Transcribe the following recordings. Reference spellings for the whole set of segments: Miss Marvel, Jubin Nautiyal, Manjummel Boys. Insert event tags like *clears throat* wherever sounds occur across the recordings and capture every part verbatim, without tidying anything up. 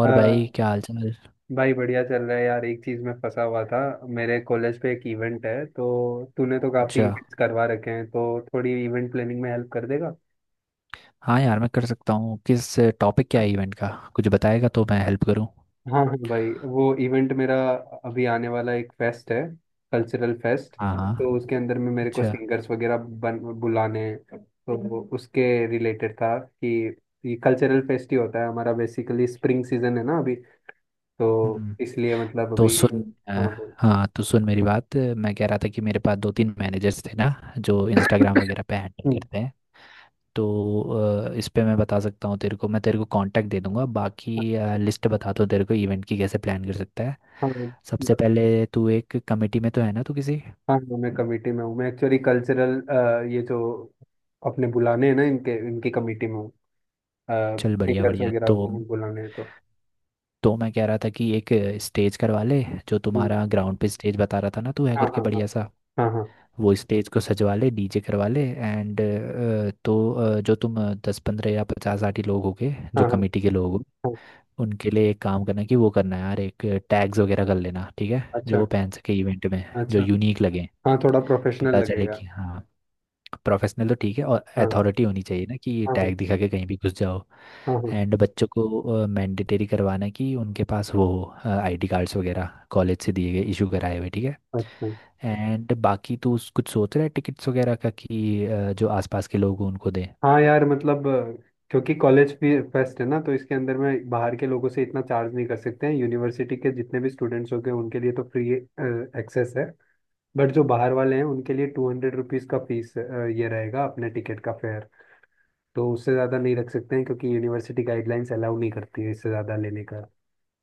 अ, भाई, क्या हाल चाल? भाई बढ़िया चल रहा है यार, एक चीज में फंसा हुआ था। मेरे कॉलेज पे एक इवेंट है, तो तूने तो काफी अच्छा। इवेंट्स करवा रखे हैं तो थोड़ी इवेंट प्लानिंग में हेल्प कर देगा? हाँ यार, मैं कर सकता हूँ। किस टॉपिक क्या है इवेंट का? कुछ बताएगा तो मैं हेल्प करूँ। हाँ हाँ भाई, वो इवेंट मेरा अभी आने वाला एक फेस्ट है। कल्चरल फेस्ट, हाँ हाँ। तो उसके अंदर में मेरे को अच्छा। सिंगर्स वगैरह बन बुलाने हैं, तो वो उसके रिलेटेड था कि ये कल्चरल फेस्ट ही होता है हमारा, बेसिकली स्प्रिंग सीजन है ना अभी, तो हम्म इसलिए मतलब तो अभी। सुन। अ, हाँ बोल। हाँ, तो सुन मेरी बात। मैं कह रहा था कि मेरे पास दो तीन मैनेजर्स थे ना, जो इंस्टाग्राम वगैरह पे हैंडल हम्म। करते हैं। तो अ, इस पे मैं बता सकता हूँ तेरे को। मैं तेरे को कांटेक्ट दे दूंगा, बाकी लिस्ट बताता हूँ तेरे को इवेंट की, कैसे प्लान कर सकता है। हाँ सबसे हाँ। पहले तू एक कमेटी में तो है ना, तू किसी। हाँ हाँ, मैं कमेटी में हूँ, मैं एक्चुअली कल्चरल ये जो अपने बुलाने हैं ना इनके इनकी कमेटी में हूँ, चल, बढ़िया सिंगर्स बढ़िया। वगैरह तो को भी बुलाने हैं तो। तो मैं कह रहा था कि एक स्टेज करवा ले। जो हम्म। तुम्हारा ग्राउंड पे स्टेज बता रहा था ना तू, है हाँ करके हाँ। हाँ बढ़िया सा। हाँ। हाँ वो स्टेज को सजवा ले, डीजे करवा ले एंड। तो अ, जो तुम दस पंद्रह या पचास साठ ही लोग होगे जो हाँ। हाँ कमेटी के लोग हो, हाँ। उनके लिए एक काम करना कि वो करना है यार, एक टैग्स वगैरह कर लेना, ठीक है? जो अच्छा वो पहन सके इवेंट में, जो अच्छा। यूनिक लगे, हाँ थोड़ा प्रोफेशनल पता चले लगेगा। कि हाँ। प्रोफेशनल तो ठीक है, और हाँ अथॉरिटी होनी चाहिए ना कि हाँ। हाँ टैग दिखा के कहीं भी घुस जाओ। हाँ। हाँ, एंड बच्चों को मैंडेटरी करवाना कि उनके पास वो हो, आईडी कार्ड्स वगैरह कॉलेज से दिए गए इशू कराए हुए, ठीक है? अच्छा। एंड बाकी तू उस- कुछ सोच रहा है टिकट्स वगैरह का कि अ, जो आसपास के लोग हों उनको दें। हाँ यार मतलब अ, क्योंकि कॉलेज फेस्ट है ना, तो इसके अंदर में बाहर के लोगों से इतना चार्ज नहीं कर सकते हैं। यूनिवर्सिटी के जितने भी स्टूडेंट्स होंगे उनके लिए तो फ्री एक्सेस है, बट जो बाहर वाले हैं उनके लिए टू हंड्रेड रुपीज़ का फीस ये रहेगा, अपने टिकट का फेयर। तो उससे ज़्यादा नहीं रख सकते हैं क्योंकि यूनिवर्सिटी गाइडलाइंस अलाउ नहीं करती है इससे ज़्यादा लेने का,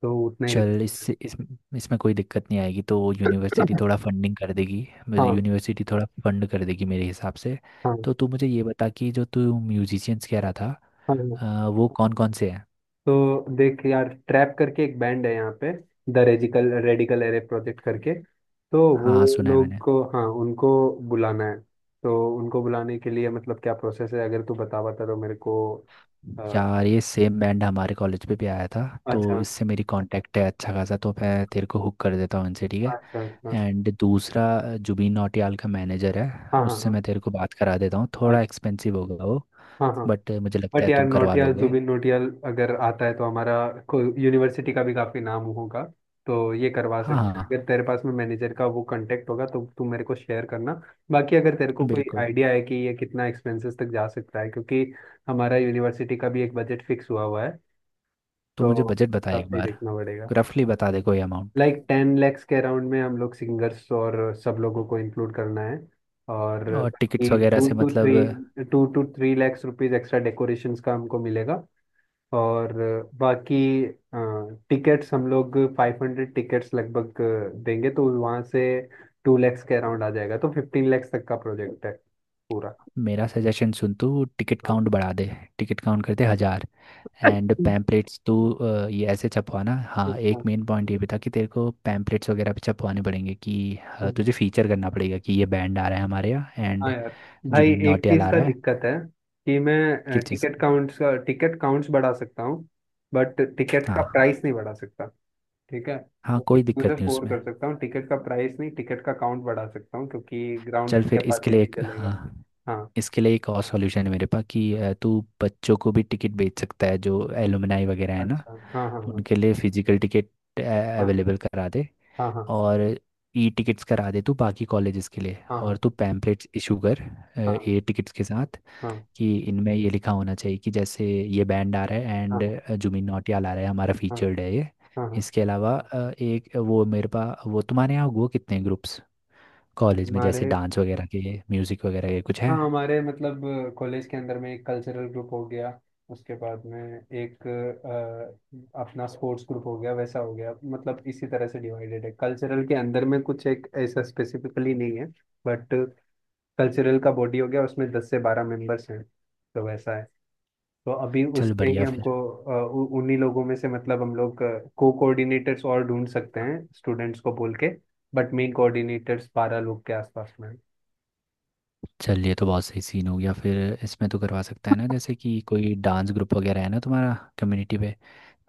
तो उतना ही रख चल, सकते इससे इस, इसमें कोई दिक्कत नहीं आएगी। तो यूनिवर्सिटी हैं। थोड़ा फंडिंग कर देगी। *laughs* हाँ। यूनिवर्सिटी थोड़ा फंड कर देगी मेरे हिसाब से। हाँ। तो तू मुझे ये बता कि जो तू म्यूजिशियंस कह रहा था, हाँ हाँ। अ, वो कौन कौन से हैं? तो देख यार, ट्रैप करके एक बैंड है यहाँ पे, the radical radical array project करके, तो वो हाँ, सुना है लोग मैंने। को, हाँ उनको बुलाना है। तो उनको बुलाने के लिए मतलब क्या प्रोसेस है, अगर तू बता बता तो मेरे को। अ, यार, ये सेम बैंड हमारे कॉलेज पे भी आया था, तो अच्छा इससे मेरी कांटेक्ट है अच्छा खासा। तो मैं तेरे को हुक कर देता हूँ इनसे, ठीक अच्छा। अच्छा। है? एंड दूसरा, जुबीन नौटियाल का मैनेजर है, हाँ हाँ उससे हाँ। मैं तेरे को बात करा देता हूँ। थोड़ा अच्छा। एक्सपेंसिव होगा वो, हाँ हाँ। बट मुझे लगता बट है यार तुम करवा नौटियाल लोगे। जुबिन नौटियाल अगर आता है तो हमारा यूनिवर्सिटी का भी काफी नाम होगा, तो ये करवा हाँ सकते हैं। हाँ अगर तेरे पास में मैनेजर का वो कांटेक्ट होगा तो तू मेरे को शेयर करना। बाकी अगर तेरे को कोई बिल्कुल। आइडिया है कि ये कितना एक्सपेंसेस तक जा सकता है, क्योंकि हमारा यूनिवर्सिटी का भी एक बजट फिक्स हुआ हुआ है, तो तो मुझे बजट बता एक आपसे ही बार। देखना पड़ेगा। रफली बता दे कोई अमाउंट। लाइक टेन लैक्स के अराउंड में हम लोग सिंगर्स और सब लोगों को इंक्लूड करना है। और और टिकट्स वगैरह टू से टू थ्री मतलब। Two two three lakhs rupees extra decorations का हमको मिलेगा। और बाकी टिकट्स हम लोग फाइव हंड्रेड टिकट्स लगभग देंगे, तो वहाँ से टू लैक्स के अराउंड आ जाएगा, तो फिफ्टीन लैक्स तक का प्रोजेक्ट है पूरा। मेरा सजेशन सुन, तू टिकट हाँ। काउंट बढ़ा दे। टिकट काउंट करते हजार। एंड पैम्पलेट्स तू अ, ये ऐसे छपवाना। हाँ, अच्छा। एक मेन पॉइंट ये भी था कि तेरे को पैम्पलेट्स वगैरह भी छपवाने पड़ेंगे कि अ, हाँ तुझे फीचर करना पड़ेगा कि ये बैंड आ रहा है हमारे यहाँ, हाँ एंड यार भाई, जुबिन एक नौटियाल चीज आ का रहा है। दिक्कत है कि मैं किस चीज़ टिकट का? काउंट्स का टिकट काउंट्स बढ़ा सकता हूँ, बट टिकट का हाँ प्राइस नहीं बढ़ा सकता। ठीक है? हाँ, तो एक कोई टू दिक्कत से नहीं फोर उसमें। कर सकता हूँ, टिकट का प्राइस नहीं, टिकट का काउंट बढ़ा सकता हूँ क्योंकि ग्राउंड चल फिर इसके लिए कैपेसिटी एक, चलेगा। हाँ, हाँ। इसके लिए एक और सॉल्यूशन है मेरे पास कि अ, तू बच्चों को भी टिकट बेच सकता है, जो एलुमनाई वगैरह है ना। अच्छा। हाँ हाँ उनके लिए फिजिकल टिकट हाँ अवेलेबल करा दे। हाँ हाँ और ई टिकट्स करा दे तू बाकी कॉलेजेस के लिए। और हाँ तू पैम्पलेट्स इशू कर हाँ ए टिकट्स के साथ, हाँ कि इनमें ये लिखा होना चाहिए कि जैसे ये बैंड आ रहा है हाँ एंड हाँ जुबिन नौटियाल आ रहा है हमारा हाँ फीचर्ड है ये। हाँ हाँ, हाँ। इसके अलावा अ, एक वो मेरे पास, वो तुम्हारे यहाँ हुआ कितने ग्रुप्स कॉलेज में, हमारे, जैसे डांस वगैरह के म्यूज़िक वगैरह के कुछ हाँ हैं? हमारे मतलब कॉलेज के अंदर में एक कल्चरल ग्रुप हो गया, उसके बाद में एक अ, अपना स्पोर्ट्स ग्रुप हो गया, वैसा हो गया। मतलब इसी तरह से डिवाइडेड है, कल्चरल के अंदर में कुछ एक ऐसा स्पेसिफिकली नहीं है, बट कल्चरल का बॉडी हो गया, उसमें दस से बारह मेंबर्स हैं। तो वैसा है। तो अभी चल, उसमें ही बढ़िया फिर। हमको अ, उ- उन्हीं लोगों में से मतलब हम लोग को कोऑर्डिनेटर्स और ढूंढ सकते हैं, स्टूडेंट्स को बोल के। बट मेन कोऑर्डिनेटर्स बारह लोग के आसपास में हैं। चल, ये तो बहुत सही सीन हो गया। फिर इसमें तो करवा सकता है ना, जैसे कि कोई डांस ग्रुप वगैरह है ना तुम्हारा कम्युनिटी पे।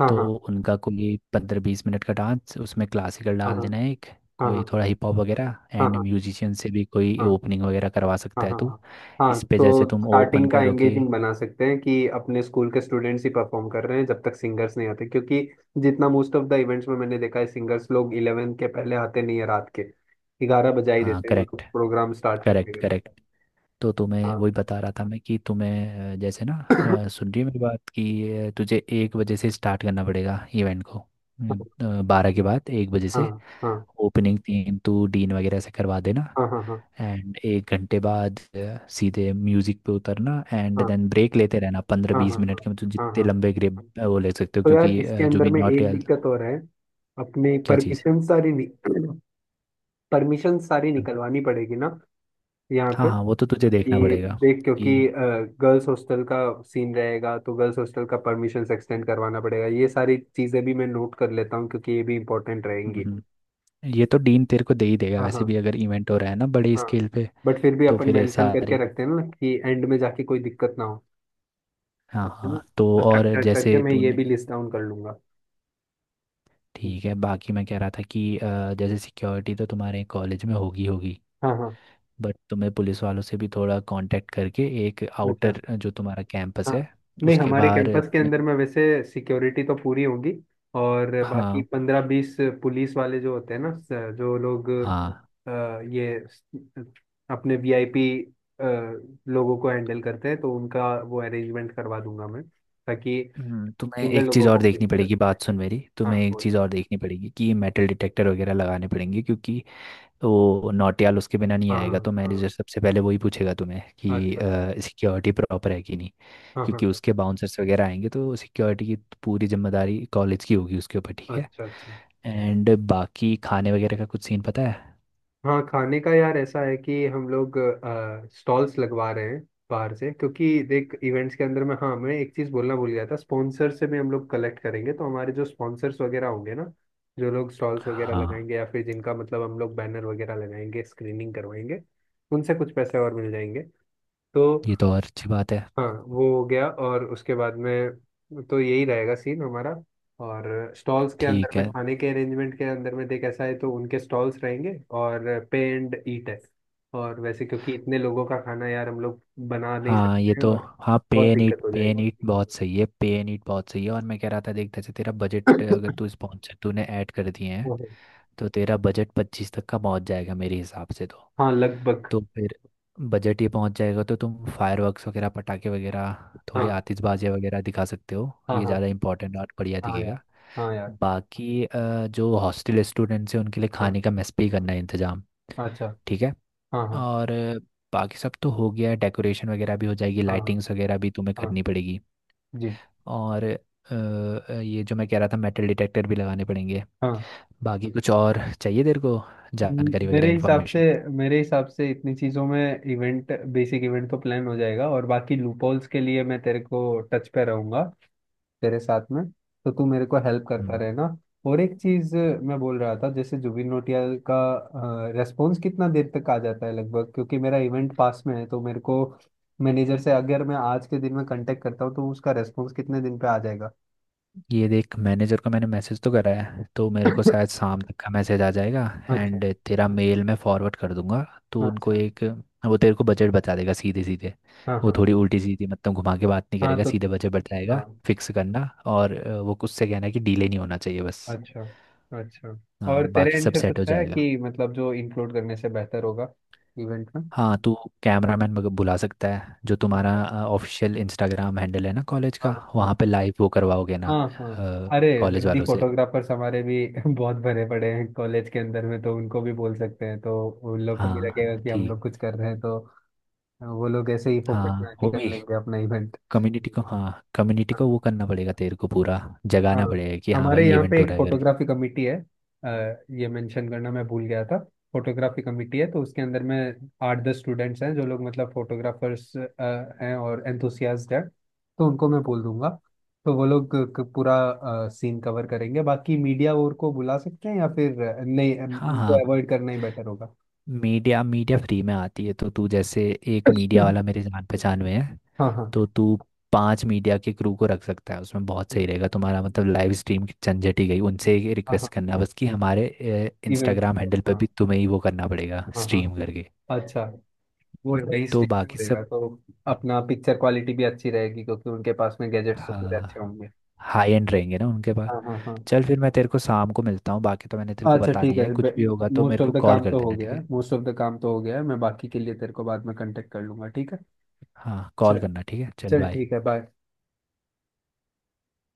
हाँ तो हाँ उनका कोई पंद्रह बीस मिनट का डांस, उसमें क्लासिकल हाँ डाल हाँ देना है एक, कोई हाँ थोड़ा हिप हॉप वगैरह, हाँ एंड हाँ म्यूजिशियन से भी कोई हाँ ओपनिंग वगैरह करवा हाँ सकता है हाँ तू। हाँ। इस हाँ, पे तो जैसे तुम ओपन स्टार्टिंग का करोगे। एंगेजिंग बना सकते हैं कि अपने स्कूल के स्टूडेंट्स ही परफॉर्म कर रहे हैं जब तक सिंगर्स नहीं आते, क्योंकि जितना मोस्ट ऑफ द इवेंट्स में मैंने देखा है सिंगर्स लोग इलेवेंथ के पहले आते नहीं है रात के ग्यारह बजा ही हाँ, देते हैं, वो करेक्ट। प्रोग्राम स्टार्ट करते करेक्ट हैं। करेक्ट। तो तुम्हें हाँ। वही बता रहा था मैं कि तुम्हें अ, जैसे ना, अ, *coughs* सुन रही है मेरी बात कि अ, तुझे एक बजे से स्टार्ट करना पड़ेगा इवेंट को, बारह के बाद एक बजे से। हाँ हाँ ओपनिंग तीन तू डीन वगैरह से करवा देना। हाँ हाँ हाँ एंड एक घंटे बाद अ, सीधे म्यूजिक पे उतरना, एंड देन ब्रेक लेते रहना पंद्रह हाँ हाँ बीस हाँ मिनट के, मतलब हाँ हाँ। जितने हाँ। लंबे ग्रेप वो ले सकते हो तो यार क्योंकि इसके अ, अंदर जुबिन में एक नौटियाल। दिक्कत और है, अपने क्या चीज़? परमिशन सारी, परमिशन *clears throat* सारी निकलवानी पड़ेगी ना यहाँ हाँ पे। हाँ, वो तो तुझे देखना कि पड़ेगा देख, क्योंकि कि गर्ल्स हॉस्टल का सीन रहेगा, तो गर्ल्स हॉस्टल का परमिशन एक्सटेंड करवाना पड़ेगा। ये सारी चीज़ें भी मैं नोट कर लेता हूँ क्योंकि ये भी इंपॉर्टेंट रहेंगी। हम्म, ये तो डीन तेरे को दे ही देगा हाँ हाँ वैसे भी अगर इवेंट हो रहा है ना बड़े हाँ। स्केल पे। बट फिर भी तो अपन फिर मेंशन करके सारी। रखते हैं ना, कि एंड में जाके कोई दिक्कत ना हो, हाँ समझे हाँ, ना। तो और स्ट्रक्चर करके जैसे मैं ये तूने। भी लिस्ट डाउन कर लूंगा। हम्म। ठीक है, बाकी मैं कह रहा था कि अ, जैसे सिक्योरिटी तो तुम्हारे कॉलेज में होगी होगी, हाँ हाँ। बट तुम्हें पुलिस वालों से भी थोड़ा कांटेक्ट करके एक अच्छा। आउटर जो तुम्हारा कैंपस हाँ, है नहीं उसके हमारे बाहर कैंपस के तुम्हें। अंदर में वैसे सिक्योरिटी तो पूरी होगी, और बाकी हाँ पंद्रह बीस पुलिस वाले जो होते हैं ना, स- जो लोग हाँ। अ, ये स- अपने वी आई पी लोगों को हैंडल करते हैं, तो उनका वो अरेंजमेंट करवा दूंगा मैं, ताकि हम्म, तुम्हें सिंगल एक चीज़ लोगों को और कोई देखनी दिक्कत पड़ेगी। नहीं आए। बात सुन मेरी, हाँ तुम्हें एक बोल। चीज़ और देखनी पड़ेगी कि मेटल डिटेक्टर वगैरह लगाने पड़ेंगे, क्योंकि वो नौटियाल उसके बिना नहीं आएगा। हाँ तो मैनेजर हाँ सबसे पहले वही पूछेगा तुम्हें हाँ। कि अच्छा अच्छा। सिक्योरिटी प्रॉपर है कि नहीं, हाँ क्योंकि हाँ उसके बाउंसर्स वगैरह आएंगे, तो सिक्योरिटी की पूरी जिम्मेदारी कॉलेज की होगी उसके ऊपर, ठीक हाँ। है? अच्छा अच्छा। एंड बाकी खाने वगैरह का कुछ सीन पता है? हाँ, खाने का यार ऐसा है कि हम लोग स्टॉल्स लगवा रहे हैं बाहर से, क्योंकि देख इवेंट्स के अंदर में, हाँ मैं एक चीज़ बोलना भूल गया था, स्पॉन्सर से भी हम लोग कलेक्ट करेंगे, तो हमारे जो स्पॉन्सर्स वगैरह होंगे ना, जो लोग स्टॉल्स वगैरह हाँ, लगाएंगे या फिर जिनका मतलब हम लोग बैनर वगैरह लगाएंगे, स्क्रीनिंग करवाएंगे, उनसे कुछ पैसे और मिल जाएंगे तो। ये तो और अच्छी बात है। हाँ वो हो गया। और उसके बाद में, तो यही रहेगा सीन हमारा। और स्टॉल्स के अंदर ठीक में, है। खाने के अरेंजमेंट के अंदर में देख, ऐसा है, तो उनके स्टॉल्स रहेंगे और पे एंड ईट है, और वैसे क्योंकि इतने लोगों का खाना यार हम लोग बना नहीं हाँ, ये सकते हैं तो। और हाँ, पे बहुत एंड दिक्कत ईट। हो पे एंड जाएगी। ईट बहुत सही है। पे एंड ईट बहुत सही है। और मैं कह रहा था देख, जैसे तेरा बजट, अगर तू स्पॉन्सर तूने ऐड कर दिए हैं ओहो। तो तेरा बजट पच्चीस तक का पहुंच जाएगा मेरे हिसाब से। तो हाँ लगभग। तो फिर बजट ये पहुंच जाएगा, तो तुम फायरवर्क्स वगैरह पटाखे वगैरह थोड़ी हाँ आतिशबाजी वगैरह दिखा सकते हो, हाँ ये ज़्यादा हाँ। इंपॉर्टेंट और बढ़िया हाँ यार। दिखेगा। हाँ यार। बाकी अ, जो हॉस्टल स्टूडेंट्स हैं उनके लिए हाँ। खाने का मेस पे ही करना है इंतजाम, अच्छा। ठीक है? हाँ हाँ। और बाकी सब तो हो गया है, डेकोरेशन वगैरह भी हो जाएगी, हाँ हाँ लाइटिंग्स वगैरह भी तुम्हें हाँ। करनी पड़ेगी। जी। और अ, ये जो मैं कह रहा था मेटल डिटेक्टर भी लगाने पड़ेंगे। हाँ। बाकी कुछ और चाहिए तेरे को म- जानकारी वगैरह, मेरे हिसाब से इन्फॉर्मेशन? मेरे हिसाब से इतनी चीजों में इवेंट, बेसिक इवेंट तो प्लान हो जाएगा, और बाकी लूपहोल्स के लिए मैं तेरे को टच पे रहूंगा, तेरे साथ में, तो तू मेरे को हेल्प करता रहना। और एक चीज मैं बोल रहा था, जैसे जुबिन नौटियाल का रेस्पॉन्स कितना देर तक आ जाता है लगभग? क्योंकि मेरा इवेंट पास में है तो मेरे को, मैनेजर से अगर मैं आज के दिन में कांटेक्ट करता हूँ तो उसका रेस्पॉन्स कितने दिन पे आ जाएगा? ये देख, मैनेजर को मैंने मैसेज तो करा है, तो मेरे को *coughs* शायद शाम तक का मैसेज आ जाएगा। अच्छा। एंड तेरा मेल मैं फॉरवर्ड कर दूंगा तो उनको अच्छा। एक। वो तेरे को बजट बता देगा सीधे सीधे। हाँ वो हाँ थोड़ी उल्टी सीधी मतलब घुमा के बात नहीं हाँ। करेगा, तो सीधे बजट बताएगा हाँ। फिक्स करना। और अ, वो कुछ से कहना है कि डिले नहीं होना चाहिए बस। अच्छा। अच्छा। हाँ, और तेरे बाकी एंड सब से सेट कुछ हो है जाएगा। कि मतलब जो इंक्लूड करने से बेहतर होगा इवेंट में? हाँ, तू कैमरामैन बुला सकता है। जो तुम्हारा अच्छा। ऑफिशियल इंस्टाग्राम हैंडल है ना कॉलेज हाँ का, हाँ वहाँ पे लाइव वो करवाओगे ना हाँ। हाँ। अरे, कॉलेज रद्दी वालों से। फोटोग्राफर्स हमारे भी *laughs* बहुत भरे पड़े हैं कॉलेज के अंदर में, तो उनको भी बोल सकते हैं, तो उन लोग को भी हाँ, लगेगा कि हम ठीक। लोग कुछ कर रहे हैं, तो वो लोग ऐसे ही फोकस में हाँ आके वो कर भी। लेंगे अपना इवेंट। कम्युनिटी को, हाँ, कम्युनिटी को वो करना पड़ेगा तेरे को पूरा। हाँ, जगाना पड़ेगा कि हाँ हमारे भाई यहाँ पे इवेंट हो एक रहा है करके। फोटोग्राफी कमेटी है, अ, ये मेंशन करना मैं भूल गया था। फोटोग्राफी कमेटी है, तो उसके अंदर में आठ दस स्टूडेंट्स हैं, जो लोग मतलब फोटोग्राफर्स हैं और एंथुसियास्ट हैं, तो उनको मैं बोल दूंगा, तो वो लोग क- पूरा सीन कवर करेंगे। बाकी मीडिया और को बुला सकते हैं, या फिर अ, नहीं, अ, हाँ उनको हाँ। अवॉइड करना ही बेटर होगा। मीडिया, मीडिया फ्री में आती है तो तू जैसे, एक मीडिया वाला *coughs* मेरे जान पहचान में है। हाँ हाँ तो तू पांच मीडिया के क्रू को रख सकता है उसमें, बहुत सही रहेगा तुम्हारा। मतलब लाइव स्ट्रीम की झंझट ही गई। उनसे ये हाँ रिक्वेस्ट हाँ। करना बस कि हमारे इवेंट। इंस्टाग्राम हैंडल पर भी हाँ तुम्हें ही वो करना पड़ेगा हाँ हाँ। स्ट्रीम करके। अच्छा। वो नहीं तो स्टिक कर बाकी देगा सब। तो अपना पिक्चर क्वालिटी भी अच्छी रहेगी क्योंकि उनके पास में गैजेट्स तो पूरे अच्छे हाँ, होंगे। हाई एंड रहेंगे ना उनके पास। हाँ हाँ हाँ। चल फिर, मैं तेरे को शाम को मिलता हूँ। बाकी तो मैंने तेरे को अच्छा बता ठीक दिया है। है। कुछ भी होगा तो मोस्ट मेरे ऑफ को द कॉल काम कर तो हो देना, ठीक गया है, है? मोस्ट ऑफ द काम तो हो गया है, मैं बाकी के लिए तेरे को बाद में कांटेक्ट कर लूंगा, ठीक है? हाँ, कॉल चल। करना ठीक है। चल, चल बाय। ठीक है, बाय।